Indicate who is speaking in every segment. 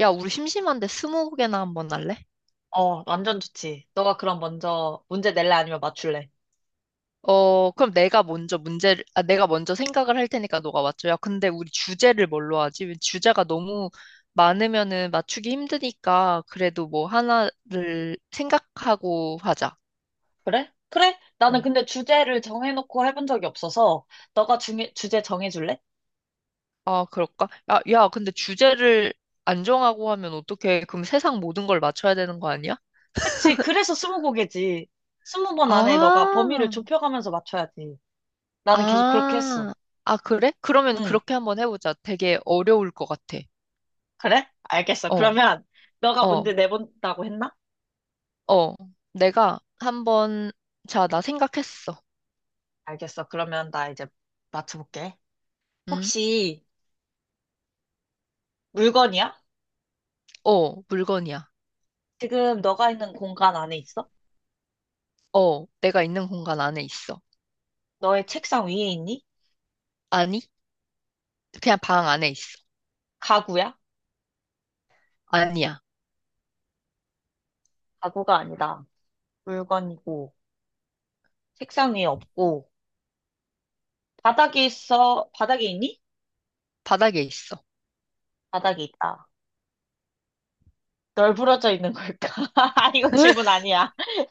Speaker 1: 야, 우리 심심한데 스무고개나 한번 할래?
Speaker 2: 어, 완전 좋지. 너가 그럼 먼저 문제 낼래 아니면 맞출래?
Speaker 1: 어, 그럼 내가 먼저 문제를, 아, 내가 먼저 생각을 할 테니까 너가 맞춰. 야, 근데 우리 주제를 뭘로 하지? 주제가 너무 많으면은 맞추기 힘드니까 그래도 뭐 하나를 생각하고 하자.
Speaker 2: 그래? 그래? 나는
Speaker 1: 응.
Speaker 2: 근데 주제를 정해놓고 해본 적이 없어서 주제 정해줄래?
Speaker 1: 아, 그럴까? 야, 야, 근데 주제를 안 정하고 하면 어떻게, 그럼 세상 모든 걸 맞춰야 되는 거 아니야?
Speaker 2: 그치. 그래서 스무고개지. 20번 안에 너가 범위를
Speaker 1: 아,
Speaker 2: 좁혀가면서 맞춰야지. 나는 계속 그렇게 했어.
Speaker 1: 아, 아, 그래? 그러면
Speaker 2: 응.
Speaker 1: 그렇게 한번 해보자. 되게 어려울 것 같아.
Speaker 2: 그래? 알겠어.
Speaker 1: 어,
Speaker 2: 그러면 너가 문제
Speaker 1: 어.
Speaker 2: 내본다고 했나?
Speaker 1: 어, 내가 한번, 자, 나 생각했어.
Speaker 2: 알겠어. 그러면 나 이제 맞춰볼게.
Speaker 1: 응?
Speaker 2: 혹시 물건이야?
Speaker 1: 어, 물건이야.
Speaker 2: 지금 너가 있는 공간 안에 있어?
Speaker 1: 어, 내가 있는 공간 안에 있어.
Speaker 2: 너의 책상 위에 있니?
Speaker 1: 아니, 그냥 방 안에 있어.
Speaker 2: 가구야?
Speaker 1: 아니야.
Speaker 2: 가구가 아니다. 물건이고, 책상 위에 없고, 바닥에 있니?
Speaker 1: 바닥에 있어.
Speaker 2: 바닥에 있다. 널브러져 있는 걸까? 아, 이거 질문 아니야.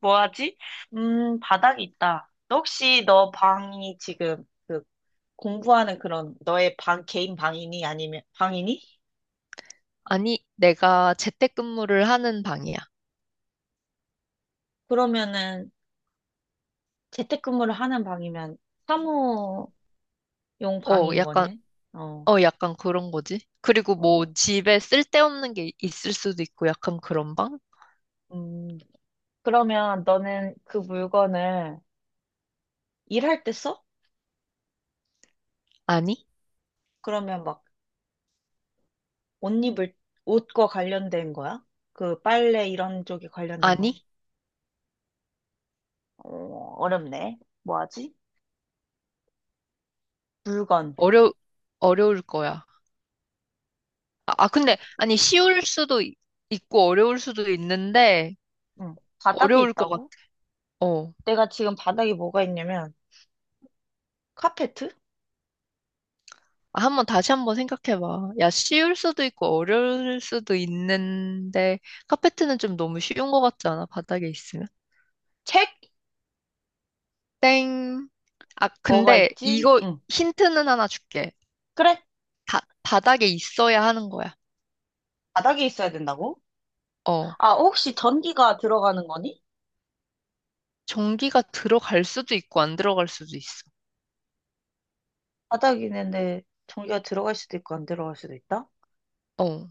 Speaker 2: 뭐 하지? 바닥에 있다. 너 혹시 너 방이 지금 그 공부하는 그런 너의 방, 개인 방이니? 아니면 방이니?
Speaker 1: 아니, 내가 재택근무를 하는 방이야.
Speaker 2: 그러면은 재택근무를 하는 방이면 사무용
Speaker 1: 어,
Speaker 2: 방인
Speaker 1: 약간,
Speaker 2: 거네? 어,
Speaker 1: 어, 약간 그런 거지. 그리고 뭐
Speaker 2: 어,
Speaker 1: 집에 쓸데없는 게 있을 수도 있고 약간 그런 방?
Speaker 2: 음. 그러면 너는 그 물건을 일할 때 써?
Speaker 1: 아니?
Speaker 2: 그러면 막 옷 입을, 옷과 관련된 거야? 그 빨래 이런 쪽에 관련된 거야?
Speaker 1: 아니?
Speaker 2: 어, 어렵네. 뭐하지? 물건.
Speaker 1: 어려, 어려울 거야. 아, 아,
Speaker 2: 그,
Speaker 1: 근데, 아니, 쉬울 수도 있고 어려울 수도 있는데,
Speaker 2: 응. 바닥에
Speaker 1: 어려울 것 같아.
Speaker 2: 있다고?
Speaker 1: 어.
Speaker 2: 내가 지금 바닥에 뭐가 있냐면, 카페트?
Speaker 1: 아, 한번 다시 한번 생각해봐. 야, 쉬울 수도 있고 어려울 수도 있는데 카페트는 좀 너무 쉬운 것 같지 않아? 바닥에 있으면?
Speaker 2: 책?
Speaker 1: 땡. 아,
Speaker 2: 뭐가
Speaker 1: 근데
Speaker 2: 있지?
Speaker 1: 이거
Speaker 2: 응.
Speaker 1: 힌트는 하나 줄게.
Speaker 2: 그래.
Speaker 1: 다, 바닥에 있어야 하는 거야.
Speaker 2: 바닥에 있어야 된다고?
Speaker 1: 어.
Speaker 2: 아, 혹시 전기가 들어가는 거니?
Speaker 1: 전기가 들어갈 수도 있고 안 들어갈 수도 있어.
Speaker 2: 바닥에 있는데 전기가 들어갈 수도 있고 안 들어갈 수도 있다?
Speaker 1: 어.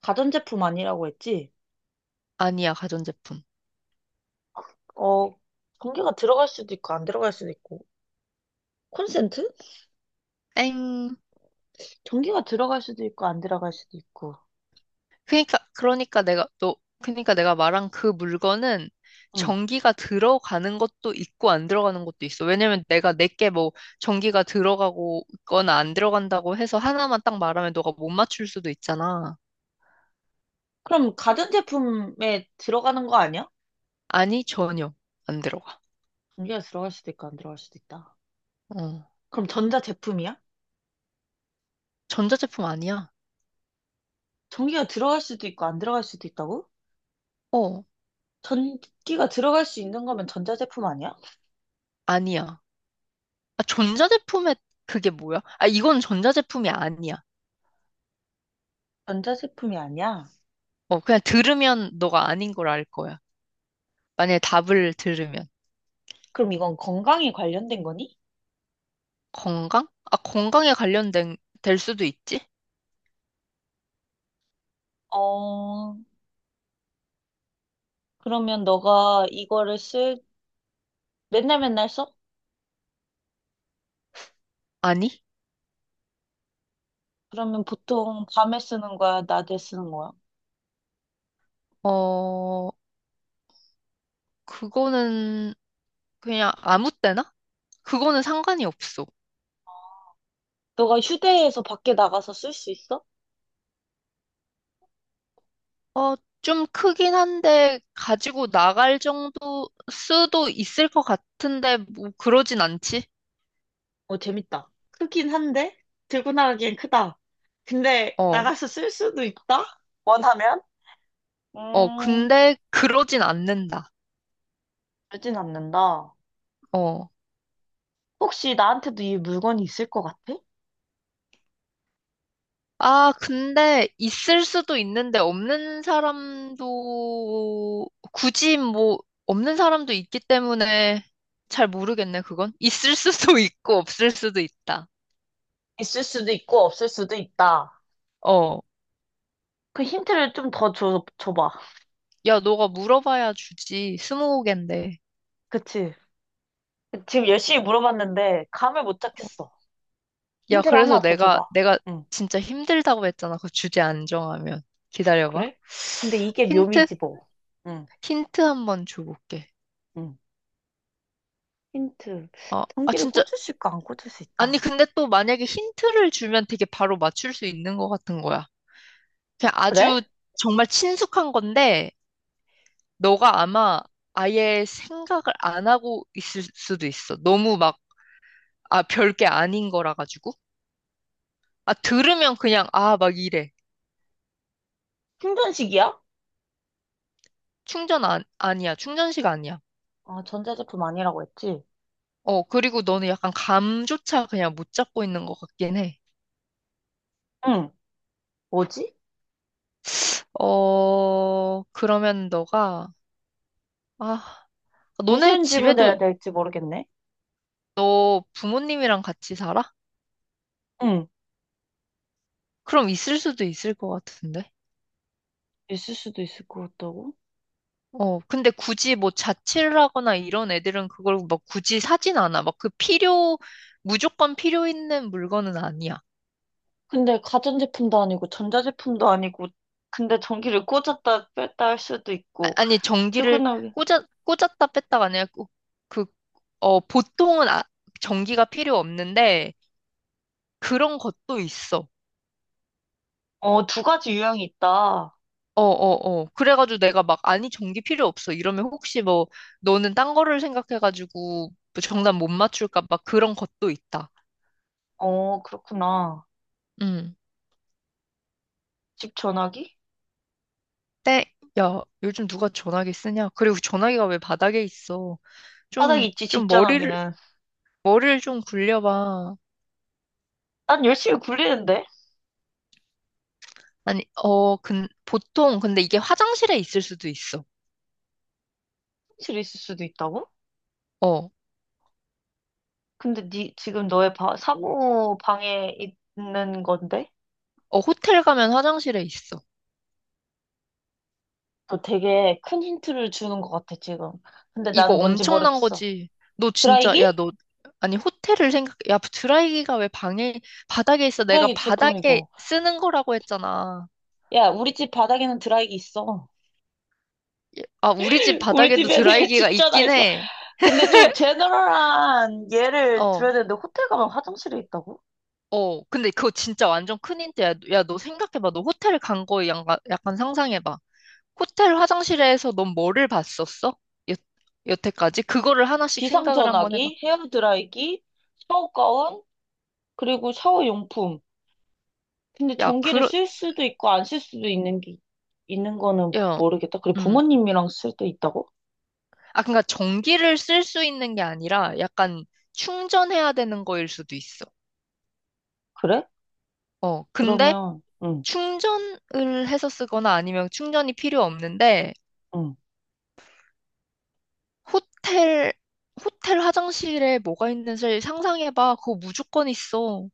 Speaker 2: 가전제품 아니라고 했지?
Speaker 1: 아니야, 가전제품.
Speaker 2: 어, 전기가 들어갈 수도 있고 안 들어갈 수도 있고. 콘센트?
Speaker 1: 땡.
Speaker 2: 전기가 들어갈 수도 있고 안 들어갈 수도 있고.
Speaker 1: 그러니까 그러니까 내가 너 그러니까 내가 말한 그 물건은
Speaker 2: 응.
Speaker 1: 전기가 들어가는 것도 있고 안 들어가는 것도 있어. 왜냐면 내가 내게 뭐 전기가 들어가고 있거나 안 들어간다고 해서 하나만 딱 말하면 너가 못 맞출 수도 있잖아.
Speaker 2: 그럼 가전 제품에 들어가는 거 아니야?
Speaker 1: 아니, 전혀 안 들어가.
Speaker 2: 전기가 들어갈 수도 있고 안 들어갈 수도 있다.
Speaker 1: 어.
Speaker 2: 그럼 전자 제품이야?
Speaker 1: 전자제품 아니야.
Speaker 2: 전기가 들어갈 수도 있고 안 들어갈 수도 있다고?
Speaker 1: 어,
Speaker 2: 전기가 들어갈 수 있는 거면 전자 제품 아니야?
Speaker 1: 아니야. 아, 전자제품에 그게 뭐야? 아, 이건 전자제품이 아니야.
Speaker 2: 전자 제품이 아니야?
Speaker 1: 어, 그냥 들으면 너가 아닌 걸 알 거야. 만약에 답을 들으면.
Speaker 2: 그럼 이건 건강에 관련된 거니?
Speaker 1: 건강? 아, 건강에 관련된, 될 수도 있지?
Speaker 2: 어, 그러면 너가 맨날 맨날 써?
Speaker 1: 아니?
Speaker 2: 그러면 보통 밤에 쓰는 거야? 낮에 쓰는 거야?
Speaker 1: 어, 그거는 그냥 아무 때나? 그거는 상관이 없어.
Speaker 2: 너가 휴대해서 밖에 나가서 쓸 수 있어?
Speaker 1: 어, 좀 크긴 한데 가지고 나갈 정도 수도 있을 것 같은데 뭐 그러진 않지?
Speaker 2: 어, 재밌다. 크긴 한데, 들고 나가기엔 크다. 근데
Speaker 1: 어,
Speaker 2: 나가서 쓸 수도 있다? 원하면?
Speaker 1: 어,
Speaker 2: 음,
Speaker 1: 근데 그러진 않는다.
Speaker 2: 그러진 않는다.
Speaker 1: 어.
Speaker 2: 혹시 나한테도 이 물건이 있을 것 같아?
Speaker 1: 아, 근데 있을 수도 있는데 없는 사람도 굳이 뭐 없는 사람도 있기 때문에 잘 모르겠네, 그건. 있을 수도 있고 없을 수도 있다.
Speaker 2: 있을 수도 있고, 없을 수도 있다.
Speaker 1: 어.
Speaker 2: 그 힌트를 좀 더 줘봐.
Speaker 1: 야, 너가 물어봐야 주지. 스무고갠데.
Speaker 2: 그치? 지금 열심히 물어봤는데, 감을 못
Speaker 1: 어.
Speaker 2: 잡겠어.
Speaker 1: 야,
Speaker 2: 힌트를
Speaker 1: 그래서
Speaker 2: 하나 더
Speaker 1: 내가
Speaker 2: 줘봐.
Speaker 1: 내가
Speaker 2: 응.
Speaker 1: 진짜 힘들다고 했잖아. 그 주제 안 정하면. 기다려봐.
Speaker 2: 그래? 근데 이게
Speaker 1: 힌트?
Speaker 2: 묘미지 뭐. 응,
Speaker 1: 힌트 한번 줘볼게.
Speaker 2: 응. 힌트.
Speaker 1: 어, 아,
Speaker 2: 전기를
Speaker 1: 진짜.
Speaker 2: 꽂을 수 있고, 안 꽂을 수
Speaker 1: 아니,
Speaker 2: 있다.
Speaker 1: 근데 또 만약에 힌트를 주면 되게 바로 맞출 수 있는 것 같은 거야. 그냥 아주
Speaker 2: 그래?
Speaker 1: 정말 친숙한 건데, 너가 아마 아예 생각을 안 하고 있을 수도 있어. 너무 막, 아, 별게 아닌 거라 가지고. 아, 들으면 그냥, 아, 막 이래.
Speaker 2: 충전식이야?
Speaker 1: 충전 안, 아니야. 충전식 아니야.
Speaker 2: 아, 전자제품 아니라고 했지?
Speaker 1: 어, 그리고 너는 약간 감조차 그냥 못 잡고 있는 것 같긴 해.
Speaker 2: 응. 뭐지?
Speaker 1: 어, 그러면 아, 너네
Speaker 2: 무슨 질문을
Speaker 1: 집에도
Speaker 2: 해야 될지 모르겠네.
Speaker 1: 너 부모님이랑 같이 살아?
Speaker 2: 응.
Speaker 1: 그럼 있을 수도 있을 것 같은데.
Speaker 2: 있을 수도 있을 것 같다고?
Speaker 1: 어, 근데 굳이 뭐 자취를 하거나 이런 애들은 그걸 막 굳이 사진 않아. 막 그 필요, 무조건 필요 있는 물건은 아니야.
Speaker 2: 근데 가전제품도 아니고 전자제품도 아니고 근데 전기를 꽂았다 뺐다 할 수도 있고
Speaker 1: 아, 니 전기를
Speaker 2: 퇴근하기
Speaker 1: 꽂았다 뺐다가 아니라 그, 그, 어, 보통은 아, 전기가 필요 없는데 그런 것도 있어.
Speaker 2: 어, 두 가지 유형이 있다.
Speaker 1: 어, 어, 어. 그래가지고 내가 막, 아니, 전기 필요 없어. 이러면 혹시 뭐, 너는 딴 거를 생각해가지고 뭐 정답 못 맞출까? 막 그런 것도 있다.
Speaker 2: 어, 그렇구나.
Speaker 1: 음.
Speaker 2: 집 전화기?
Speaker 1: 때, 야, 요즘 누가 전화기 쓰냐? 그리고 전화기가 왜 바닥에 있어?
Speaker 2: 바닥에
Speaker 1: 좀,
Speaker 2: 있지, 집
Speaker 1: 좀 머리를,
Speaker 2: 전화기는.
Speaker 1: 머리를 좀 굴려봐.
Speaker 2: 난 열심히 굴리는데?
Speaker 1: 아니, 어, 보통, 근데 이게 화장실에 있을 수도 있어.
Speaker 2: 사실 있을 수도 있다고?
Speaker 1: 어,
Speaker 2: 근데 니 지금 사무 방에 있는 건데?
Speaker 1: 어, 호텔 가면 화장실에 있어.
Speaker 2: 너 되게 큰 힌트를 주는 것 같아, 지금. 근데
Speaker 1: 이거
Speaker 2: 나는 뭔지
Speaker 1: 엄청난
Speaker 2: 모르겠어.
Speaker 1: 거지. 너 진짜, 야,
Speaker 2: 드라이기?
Speaker 1: 너, 아니, 호텔을 생각, 야, 드라이기가 왜 방에, 바닥에 있어? 내가
Speaker 2: 드라이기
Speaker 1: 바닥에
Speaker 2: 제품이고.
Speaker 1: 쓰는 거라고 했잖아.
Speaker 2: 야, 우리 집 바닥에는 드라이기 있어.
Speaker 1: 예, 아, 우리 집
Speaker 2: 우리
Speaker 1: 바닥에도
Speaker 2: 집에는
Speaker 1: 드라이기가
Speaker 2: 집전화
Speaker 1: 있긴
Speaker 2: 있어.
Speaker 1: 해.
Speaker 2: 근데 좀 제너럴한 예를
Speaker 1: 어,
Speaker 2: 들어야 되는데, 호텔 가면 화장실에 있다고?
Speaker 1: 어, 근데 그거 진짜 완전 큰 힌트야. 야, 너 생각해봐. 너 호텔 간 거에 약간, 약간 상상해봐. 호텔 화장실에서 넌 뭐를 봤었어? 여, 여태까지? 그거를 하나씩 생각을 한번 해봐.
Speaker 2: 비상전화기, 헤어드라이기, 샤워가운, 그리고 샤워용품. 근데
Speaker 1: 야,
Speaker 2: 전기를 쓸 수도 있고, 안 쓸 수도 있는 게, 있는 거는
Speaker 1: 야,
Speaker 2: 모르겠다. 그래,
Speaker 1: 음.
Speaker 2: 부모님이랑 쓸 때 있다고?
Speaker 1: 아, 그러니까 전기를 쓸 수 있는 게 아니라 약간 충전해야 되는 거일 수도 있어.
Speaker 2: 그래?
Speaker 1: 어, 근데
Speaker 2: 그러면, 응,
Speaker 1: 충전을 해서 쓰거나 아니면 충전이 필요 없는데
Speaker 2: 응.
Speaker 1: 호텔, 호텔 화장실에 뭐가 있는지 상상해봐. 그거 무조건 있어.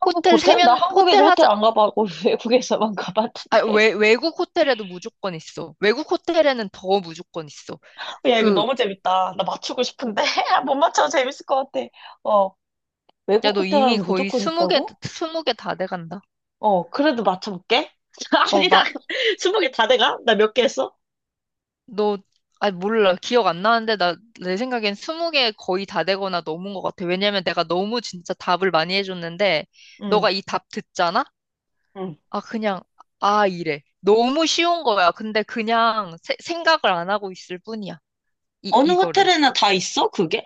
Speaker 2: 한국
Speaker 1: 호텔
Speaker 2: 호텔? 나
Speaker 1: 세면,
Speaker 2: 한국에서
Speaker 1: 호텔
Speaker 2: 호텔
Speaker 1: 하자,
Speaker 2: 안 가봐고 외국에서만
Speaker 1: 아,
Speaker 2: 가봤는데.
Speaker 1: 외, 외국 호텔에도 무조건 있어. 외국 호텔에는 더 무조건 있어.
Speaker 2: 야, 이거
Speaker 1: 그,
Speaker 2: 너무 재밌다. 나 맞추고 싶은데. 못 맞춰. 재밌을 것 같아. 어,
Speaker 1: 야,
Speaker 2: 외국
Speaker 1: 너
Speaker 2: 호텔
Speaker 1: 이미
Speaker 2: 가면
Speaker 1: 거의
Speaker 2: 무조건
Speaker 1: 20개,
Speaker 2: 있다고?
Speaker 1: 20개 다 돼간다.
Speaker 2: 어, 그래도 맞춰볼게.
Speaker 1: 어,
Speaker 2: 아니다. 20개 다 돼가? 나 몇 개 했어?
Speaker 1: 너, 아, 몰라. 기억 안 나는데, 나, 내 생각엔 20개 거의 다 되거나 넘은 것 같아. 왜냐면 내가 너무 진짜 답을 많이 해줬는데,
Speaker 2: 응,
Speaker 1: 너가 이 답 듣잖아?
Speaker 2: 응.
Speaker 1: 아, 그냥, 아, 이래. 너무 쉬운 거야. 근데 그냥 생각을 안 하고 있을 뿐이야.
Speaker 2: 어느
Speaker 1: 이거를.
Speaker 2: 호텔에나 다 있어, 그게?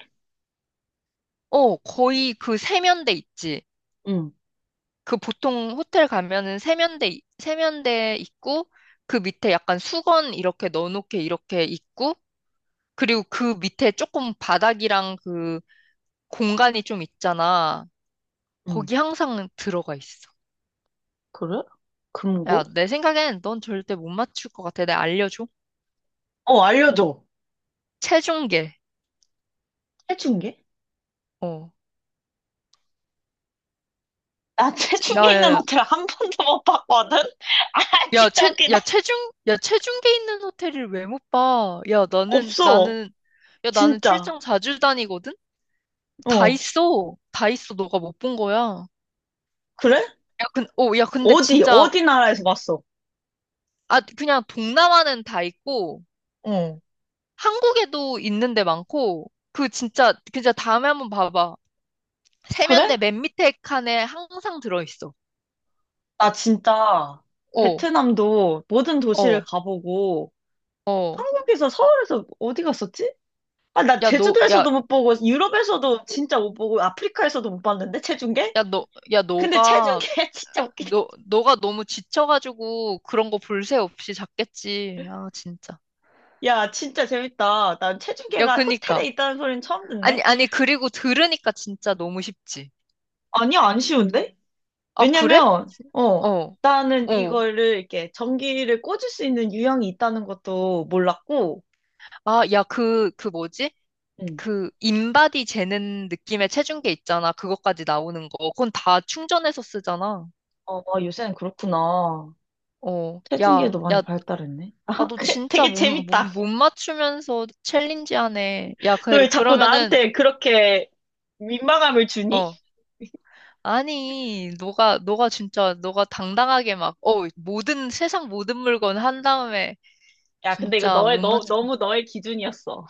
Speaker 1: 어, 거의 그 세면대 있지.
Speaker 2: 응,
Speaker 1: 그 보통 호텔 가면은 세면대 있고, 그 밑에 약간 수건 이렇게 넣어놓게 이렇게 있고, 그리고 그 밑에 조금 바닥이랑 그 공간이 좀 있잖아.
Speaker 2: 응.
Speaker 1: 거기 항상 들어가 있어.
Speaker 2: 그래?
Speaker 1: 야,
Speaker 2: 금고?
Speaker 1: 내 생각엔 넌 절대 못 맞출 것 같아. 내가 알려줘.
Speaker 2: 어, 알려줘.
Speaker 1: 체중계.
Speaker 2: 태충계?
Speaker 1: 어.
Speaker 2: 나 태충계
Speaker 1: 야, 야,
Speaker 2: 있는
Speaker 1: 야.
Speaker 2: 호텔 1번도 못 봤거든? 아,
Speaker 1: 야,
Speaker 2: 진짜 웃기다.
Speaker 1: 야, 야, 체중계 있는 호텔을 왜 못 봐? 야, 나는,
Speaker 2: 없어.
Speaker 1: 나는, 야, 나는
Speaker 2: 진짜.
Speaker 1: 출장 자주 다니거든? 다
Speaker 2: 어.
Speaker 1: 있어. 다 있어. 너가 못 본 거야.
Speaker 2: 그래?
Speaker 1: 야, 야, 근데 진짜,
Speaker 2: 어디 나라에서 봤어?
Speaker 1: 아, 그냥 동남아는 다 있고,
Speaker 2: 어.
Speaker 1: 한국에도 있는 데 많고, 그 진짜, 진짜 다음에 한번 봐봐. 세면대
Speaker 2: 그래?
Speaker 1: 맨 밑에 칸에 항상 들어있어.
Speaker 2: 나 진짜
Speaker 1: 어,
Speaker 2: 베트남도 모든 도시를
Speaker 1: 어,
Speaker 2: 가보고
Speaker 1: 어.
Speaker 2: 한국에서 서울에서 어디 갔었지? 아, 나
Speaker 1: 야, 너, 야,
Speaker 2: 제주도에서도 못 보고 유럽에서도 진짜 못 보고 아프리카에서도 못 봤는데 체중계?
Speaker 1: 야, 너, 야,
Speaker 2: 근데
Speaker 1: 너가,
Speaker 2: 체중계 진짜 웃기다.
Speaker 1: 너가 너무 지쳐가지고 그런 거 볼새 없이 잤겠지. 아, 진짜.
Speaker 2: 야, 진짜 재밌다. 난
Speaker 1: 야,
Speaker 2: 체중계가 호텔에
Speaker 1: 그니까.
Speaker 2: 있다는 소리는 처음
Speaker 1: 아니,
Speaker 2: 듣네.
Speaker 1: 아니, 그리고 들으니까 진짜 너무 쉽지.
Speaker 2: 아니야, 안 쉬운데?
Speaker 1: 아, 그래?
Speaker 2: 왜냐면 어,
Speaker 1: 어,
Speaker 2: 나는
Speaker 1: 어.
Speaker 2: 이거를 이렇게 전기를 꽂을 수 있는 유형이 있다는 것도 몰랐고
Speaker 1: 아, 야, 그 뭐지? 그 인바디 재는 느낌의 체중계 있잖아. 그것까지 나오는 거. 그건 다 충전해서 쓰잖아.
Speaker 2: 어, 요새는 그렇구나.
Speaker 1: 어, 야,
Speaker 2: 체중계도 많이
Speaker 1: 야,
Speaker 2: 발달했네.
Speaker 1: 아,
Speaker 2: 아,
Speaker 1: 너
Speaker 2: 그-
Speaker 1: 진짜
Speaker 2: 되게
Speaker 1: 못,
Speaker 2: 재밌다.
Speaker 1: 맞추면서 챌린지 하네. 야,
Speaker 2: 너 왜 자꾸
Speaker 1: 그러면은,
Speaker 2: 나한테 그렇게 민망함을 주니?
Speaker 1: 어, 아니, 너가 진짜, 너가 당당하게 막, 어, 모든, 세상 모든 물건 한 다음에,
Speaker 2: 야, 근데 이거
Speaker 1: 진짜 못 맞춰.
Speaker 2: 너무 너의 기준이었어.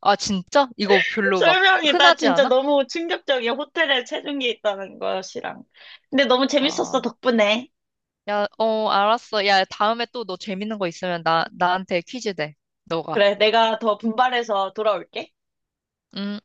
Speaker 1: 아, 진짜? 이거 별로 막
Speaker 2: 설명이, 나
Speaker 1: 흔하지
Speaker 2: 진짜
Speaker 1: 않아?
Speaker 2: 너무 충격적이야. 호텔에 체중계 있다는 것이랑. 근데 너무 재밌었어,
Speaker 1: 아,
Speaker 2: 덕분에.
Speaker 1: 야, 어, 알았어. 야, 다음에 또 너 재밌는 거 있으면 나한테 퀴즈 내. 너가.
Speaker 2: 그래, 내가 더 분발해서 돌아올게.
Speaker 1: 음.